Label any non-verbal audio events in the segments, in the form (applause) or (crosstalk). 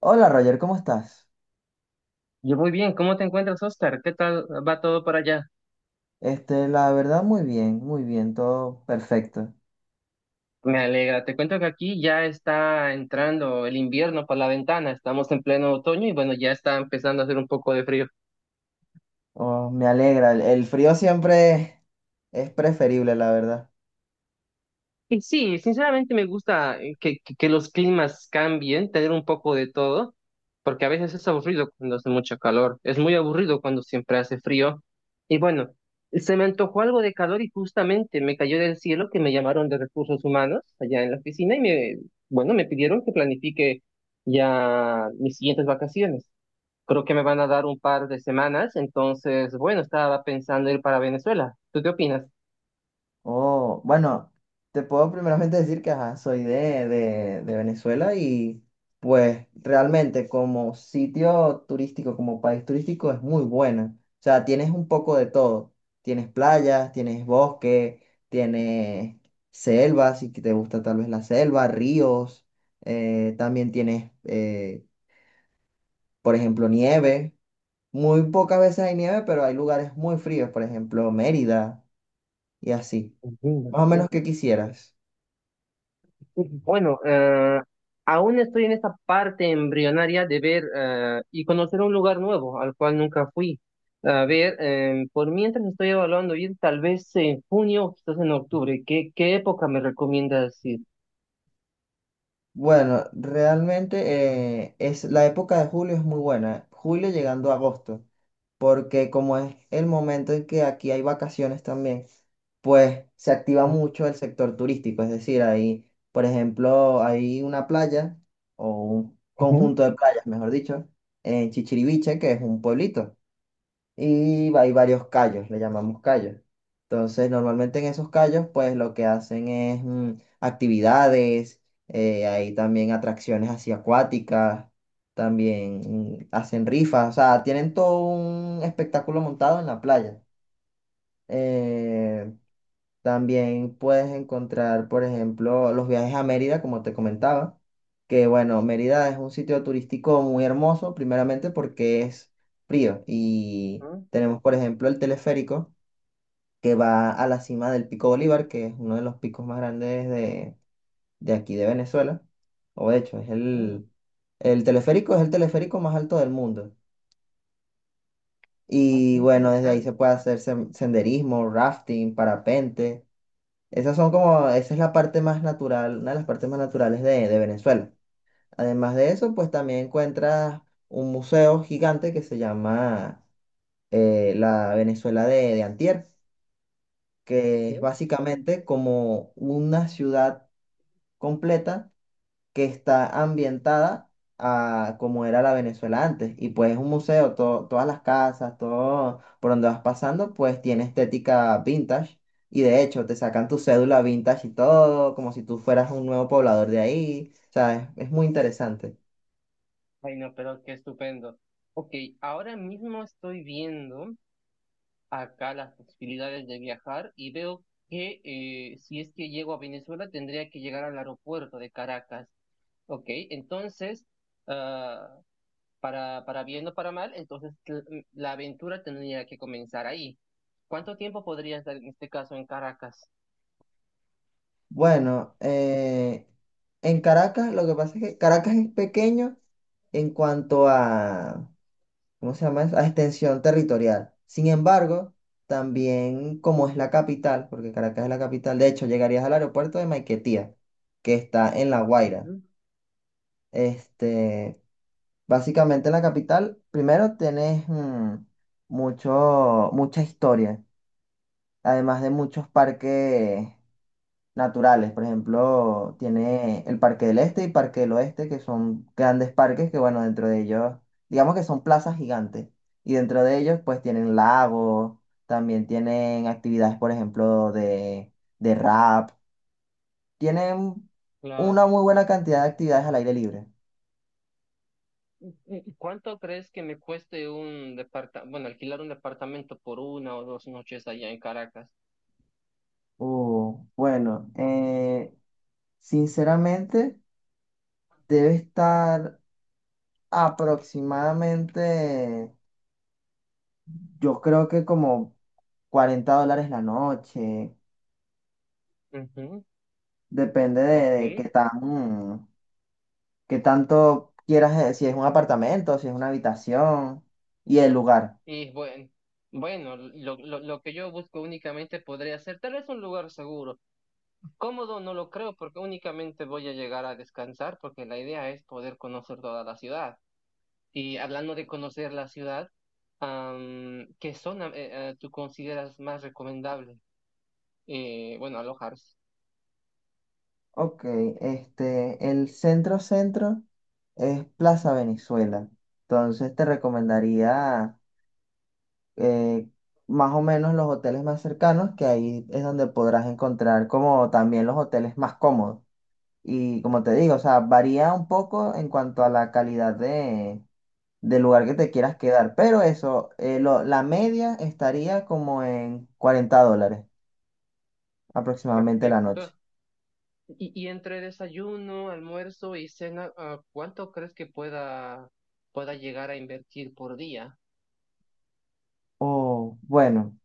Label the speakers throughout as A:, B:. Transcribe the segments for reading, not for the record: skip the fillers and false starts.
A: Hola Roger, ¿cómo estás?
B: Yo muy bien, ¿cómo te encuentras, Oscar? ¿Qué tal va todo por allá?
A: Este, la verdad, muy bien, todo perfecto.
B: Me alegra, te cuento que aquí ya está entrando el invierno por la ventana, estamos en pleno otoño y bueno, ya está empezando a hacer un poco de frío.
A: Oh, me alegra, el frío siempre es preferible, la verdad.
B: Y sí, sinceramente me gusta que los climas cambien, tener un poco de todo, porque a veces es aburrido cuando hace mucho calor, es muy aburrido cuando siempre hace frío. Y bueno, se me antojó algo de calor y justamente me cayó del cielo que me llamaron de recursos humanos allá en la oficina y me, bueno, me pidieron que planifique ya mis siguientes vacaciones. Creo que me van a dar un par de semanas, entonces, bueno, estaba pensando ir para Venezuela. ¿Tú qué opinas?
A: Oh, bueno, te puedo primeramente decir que ajá, soy de Venezuela y pues realmente como sitio turístico, como país turístico es muy buena. O sea, tienes un poco de todo. Tienes playas, tienes bosque, tienes selvas, si te gusta tal vez la selva, ríos, también tienes, por ejemplo, nieve. Muy pocas veces hay nieve, pero hay lugares muy fríos, por ejemplo, Mérida y así. Más o menos que quisieras.
B: Bueno, aún estoy en esa parte embrionaria de ver y conocer un lugar nuevo al cual nunca fui. A ver, por mientras estoy evaluando ir tal vez en junio o quizás en octubre. ¿Qué época me recomiendas ir?
A: Bueno, realmente es, la época de julio es muy buena, julio llegando a agosto, porque como es el momento en que aquí hay vacaciones también, pues se activa
B: Eh,
A: mucho el sector turístico, es decir, ahí, por ejemplo, hay una playa o un
B: ujú.
A: conjunto de playas, mejor dicho, en Chichiriviche, que es un pueblito y hay varios callos, le llamamos callos. Entonces, normalmente en esos callos, pues lo que hacen es actividades, hay también atracciones así acuáticas, también hacen rifas, o sea, tienen todo un espectáculo montado en la playa. Eh, también puedes encontrar, por ejemplo, los viajes a Mérida, como te comentaba, que bueno, Mérida es un sitio turístico muy hermoso, primeramente porque es frío y
B: Ah,
A: tenemos, por ejemplo, el teleférico que va a la cima del Pico Bolívar, que es uno de los picos más grandes de aquí de Venezuela, o de hecho, es
B: pero bueno,
A: el teleférico es el teleférico más alto del mundo.
B: ah,
A: Y
B: qué
A: bueno, desde ahí
B: interesante.
A: se puede hacer senderismo, rafting, parapente. Esas son como, esa es la parte más natural, una de las partes más naturales de Venezuela. Además de eso, pues también encuentras un museo gigante que se llama la Venezuela de Antier, que es
B: Ujú.
A: básicamente como una ciudad completa que está ambientada a como era la Venezuela antes. Y pues es un museo, todas las casas, todo por donde vas pasando, pues tiene estética vintage. Y de hecho, te sacan tu cédula vintage y todo, como si tú fueras un nuevo poblador de ahí. O sea, es muy interesante.
B: Ay, no, pero qué estupendo. Ok, ahora mismo estoy viendo acá las posibilidades de viajar y veo que si es que llego a Venezuela tendría que llegar al aeropuerto de Caracas. Ok, entonces, ah, para bien o para mal, entonces la aventura tendría que comenzar ahí. ¿Cuánto tiempo podría estar en este caso en Caracas?
A: Bueno, en Caracas, lo que pasa es que Caracas es pequeño en cuanto a ¿cómo se llama eso? A extensión territorial. Sin embargo, también como es la capital, porque Caracas es la capital, de hecho, llegarías al aeropuerto de Maiquetía, que está en La Guaira.
B: Ujú.
A: Este, básicamente en la capital, primero tenés mucha historia, además de muchos parques naturales. Por ejemplo, tiene el Parque del Este y Parque del Oeste, que son grandes parques que, bueno, dentro de ellos, digamos que son plazas gigantes. Y dentro de ellos, pues tienen lagos, también tienen actividades, por ejemplo, de rap. Tienen una
B: Claro.
A: muy buena cantidad de actividades al aire libre.
B: ¿Y ¿Cuánto crees que me cueste un departamento, bueno, alquilar un departamento por una o dos noches allá en Caracas?
A: Bueno, sinceramente, debe estar aproximadamente, yo creo que como $40 la noche.
B: Ujú,
A: Depende de
B: ok.
A: qué tan, qué tanto quieras, si es un apartamento, si es una habitación y el lugar.
B: Y bueno, bueno, lo que yo busco únicamente podría ser tal vez un lugar seguro. Cómodo no lo creo porque únicamente voy a llegar a descansar porque la idea es poder conocer toda la ciudad. Y hablando de conocer la ciudad, am, ¿qué zona tú consideras más recomendable? Bueno, alojarse.
A: Ok, este, el centro centro es Plaza Venezuela. Entonces te recomendaría eh, más o menos los hoteles más cercanos, que ahí es donde podrás encontrar como también los hoteles más cómodos. Y como te digo, o sea, varía un poco en cuanto a la calidad de del lugar que te quieras quedar. Pero eso, la media estaría como en $40 aproximadamente la
B: Perfecto.
A: noche.
B: Y entre desayuno, almuerzo y cena, ah, ¿cuánto crees que pueda llegar a invertir por día?
A: Oh, bueno,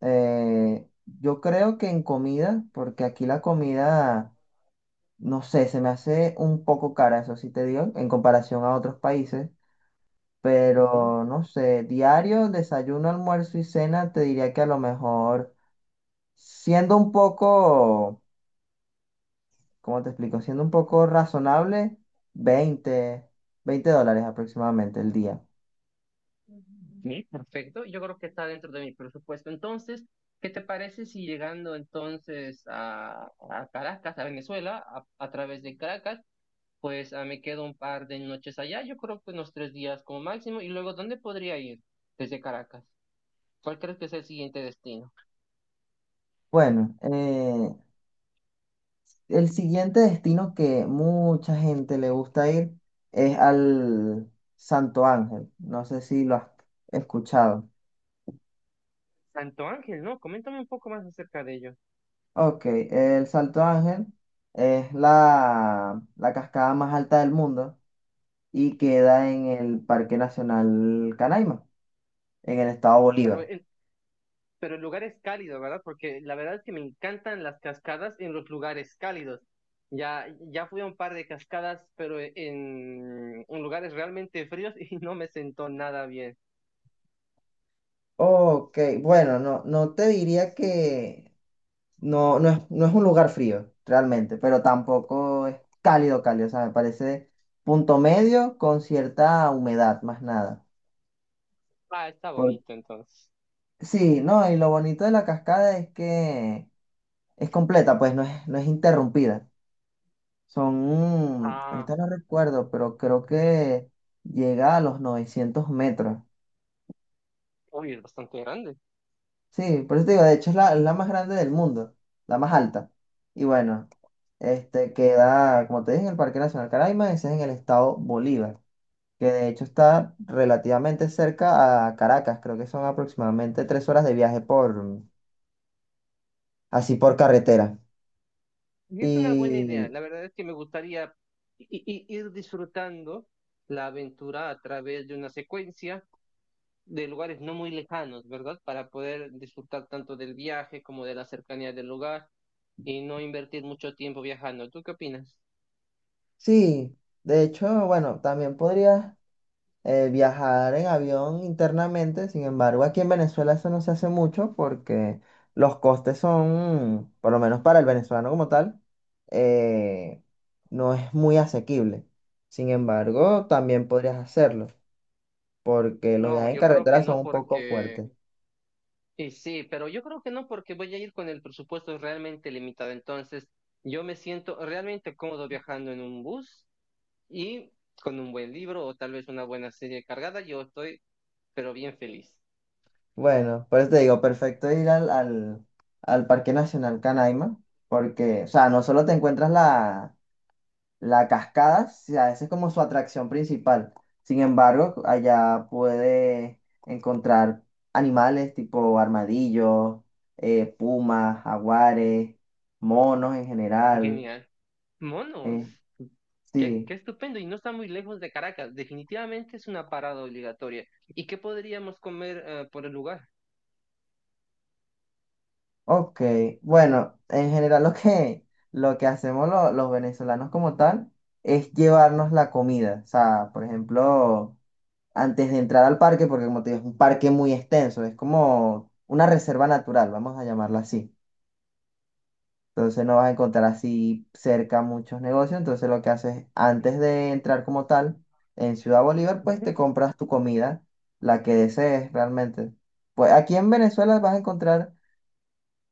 A: yo creo que en comida, porque aquí la comida, no sé, se me hace un poco cara, eso sí te digo, en comparación a otros países. Pero no sé, diario, desayuno, almuerzo y cena, te diría que a lo mejor, siendo un poco cómo te explico, siendo un poco razonable, 20, 20 dólares aproximadamente el día.
B: Sí, perfecto. Yo creo que está dentro de mi presupuesto. Entonces, ¿qué te parece si llegando entonces a Caracas, a Venezuela, a través de Caracas, pues ah, me quedo un par de noches allá? Yo creo que unos tres días como máximo. Y luego, ¿dónde podría ir desde Caracas? ¿Cuál crees que es el siguiente destino?
A: Bueno, el siguiente destino que mucha gente le gusta ir es al Santo Ángel. No sé si lo has escuchado.
B: Santo Ángel, ¿no? Coméntame un poco más acerca de ello.
A: Ok, el Salto Ángel es la, la cascada más alta del mundo y queda en el Parque Nacional Canaima, en el estado
B: Pero
A: Bolívar.
B: en- pero el lugar es cálido, ¿verdad? Porque la verdad es que me encantan las cascadas en los lugares cálidos. Ya, ya fui a un par de cascadas, pero e, en lugares realmente fríos (laughs) y no me sentó nada bien.
A: Ok, bueno, no, no te diría que no, no es, no es un lugar frío, realmente, pero tampoco es cálido, cálido, o sea, me parece punto medio con cierta humedad, más nada.
B: Ah, está
A: Por-
B: bonito entonces.
A: sí, no, y lo bonito de la cascada es que es completa, pues no es, no es interrumpida. Son,
B: Ah,
A: ahorita no recuerdo, pero creo que llega a los 900 m.
B: uy, es bastante grande.
A: Sí, por eso te digo, de hecho es la más grande del mundo, la más alta. Y bueno, este queda, como te dije, en el Parque Nacional Caraima, ese es en el estado Bolívar, que de hecho está relativamente cerca a Caracas, creo que son aproximadamente 3 horas de viaje por, así por carretera.
B: Y es una buena idea.
A: Y
B: La verdad es que me gustaría ir disfrutando la aventura a través de una secuencia de lugares no muy lejanos, ¿verdad? Para poder disfrutar tanto del viaje como de la cercanía del lugar y no invertir mucho tiempo viajando. ¿Tú qué opinas?
A: sí, de hecho, bueno, también podrías viajar en avión internamente, sin embargo, aquí en Venezuela eso no se hace mucho porque los costes son, por lo menos para el venezolano como tal, eh, no es muy asequible. Sin embargo, también podrías hacerlo porque los
B: No,
A: viajes en
B: yo creo que
A: carretera
B: no
A: son un poco
B: porque,
A: fuertes.
B: y sí, pero yo creo que no porque voy a ir con el presupuesto realmente limitado. Entonces, yo me siento realmente cómodo viajando en un bus y con un buen libro o tal vez una buena serie cargada. Yo estoy, pero bien feliz.
A: Bueno, por eso te digo, perfecto ir al Parque Nacional Canaima, porque, o sea, no solo te encuentras la, la cascada, a esa es como su atracción principal. Sin embargo, allá puedes encontrar animales tipo armadillos, pumas, jaguares, monos en general.
B: Genial. Monos.
A: eh,
B: Qué,
A: sí.
B: qué estupendo, y no está muy lejos de Caracas. Definitivamente es una parada obligatoria. ¿Y qué podríamos comer por el lugar?
A: Ok, bueno, en general lo que hacemos los venezolanos como tal es llevarnos la comida. O sea, por ejemplo, antes de entrar al parque, porque como te digo, es un parque muy extenso, es como una reserva natural, vamos a llamarla así. Entonces no vas a encontrar así cerca muchos negocios. Entonces lo que haces antes
B: Ujú,
A: de entrar como tal en Ciudad Bolívar, pues te
B: ujú,
A: compras tu comida, la que desees realmente. Pues aquí en Venezuela vas a encontrar...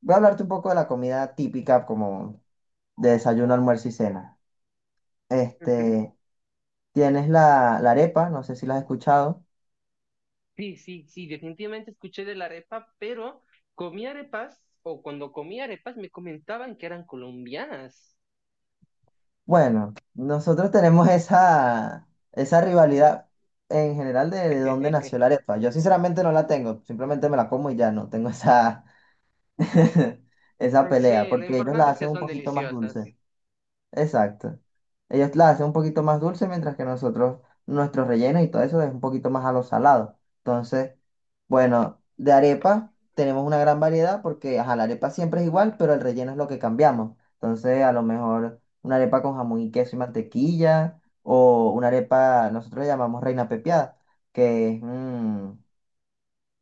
A: Voy a hablarte un poco de la comida típica como de desayuno, almuerzo y cena.
B: ujú.
A: Este, tienes la, la arepa, no sé si la has escuchado.
B: Sí, sí, sí, definitivamente escuché de la arepa, pero comí arepas, o cuando comí arepas me comentaban que eran colombianas.
A: Bueno, nosotros tenemos (laughs) esa rivalidad en general de dónde nació la
B: (laughs)
A: arepa. Yo sinceramente no la tengo, simplemente me la como y ya no tengo esa, (laughs) esa pelea,
B: Sí, lo
A: porque ellos la
B: importante es
A: hacen
B: que
A: un
B: son
A: poquito más
B: deliciosas.
A: dulce. Exacto. Ellos la hacen un poquito más dulce, mientras que nosotros, nuestro relleno y todo eso es un poquito más a lo salado. Entonces, bueno, de arepa tenemos una gran variedad porque, ajá, la arepa siempre es igual, pero el relleno es lo que cambiamos. Entonces, a lo mejor una arepa con jamón y queso y mantequilla, o una arepa, nosotros le llamamos reina pepiada, que es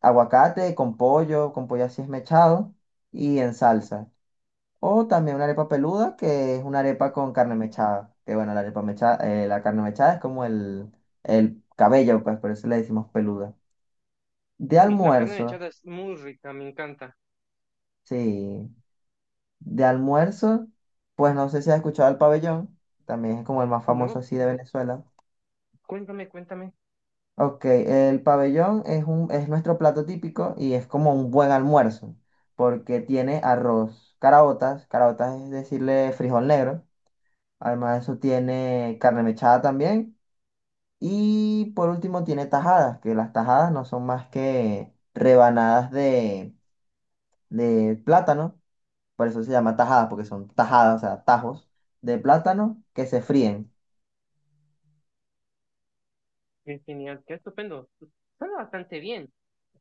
A: aguacate con pollo así esmechado y en salsa. O también una arepa peluda, que es una arepa con carne mechada. Que bueno, la arepa mechada, la carne mechada es como el cabello, pues por eso le decimos peluda. De
B: Sí, la carne
A: almuerzo,
B: mechada es muy rica, me encanta.
A: sí. De almuerzo, pues no sé si has escuchado el pabellón. También es como el más famoso
B: No,
A: así de Venezuela.
B: cuéntame, cuéntame.
A: Ok, el pabellón es un, es nuestro plato típico y es como un buen almuerzo. Porque tiene arroz, caraotas, caraotas es decirle frijol negro. Además de eso tiene carne mechada también. Y por último tiene tajadas, que las tajadas no son más que rebanadas de plátano, por eso se llama tajadas, porque son tajadas, o sea, tajos de plátano que se fríen.
B: Qué genial, qué estupendo. Suena bastante bien.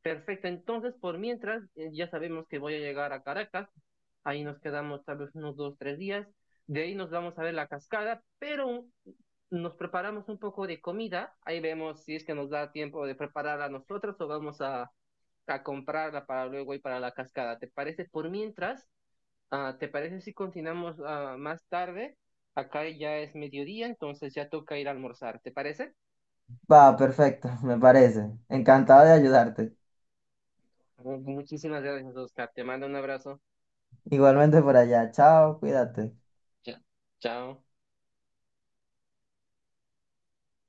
B: Perfecto. Entonces, por mientras, ya sabemos que voy a llegar a Caracas. Ahí nos quedamos tal vez unos dos, tres días. De ahí nos vamos a ver la cascada, pero nos preparamos un poco de comida. Ahí vemos si es que nos da tiempo de prepararla nosotros o vamos a comprarla para luego ir para la cascada. ¿Te parece? Por mientras, ah, ¿te parece si continuamos ah, más tarde? Acá ya es mediodía, entonces ya toca ir a almorzar. ¿Te parece?
A: Va, perfecto, (laughs) me parece. Encantado de ayudarte.
B: Muchísimas gracias, Oscar. Te mando un abrazo.
A: Igualmente por allá. Chao, cuídate.
B: Cha- Chao.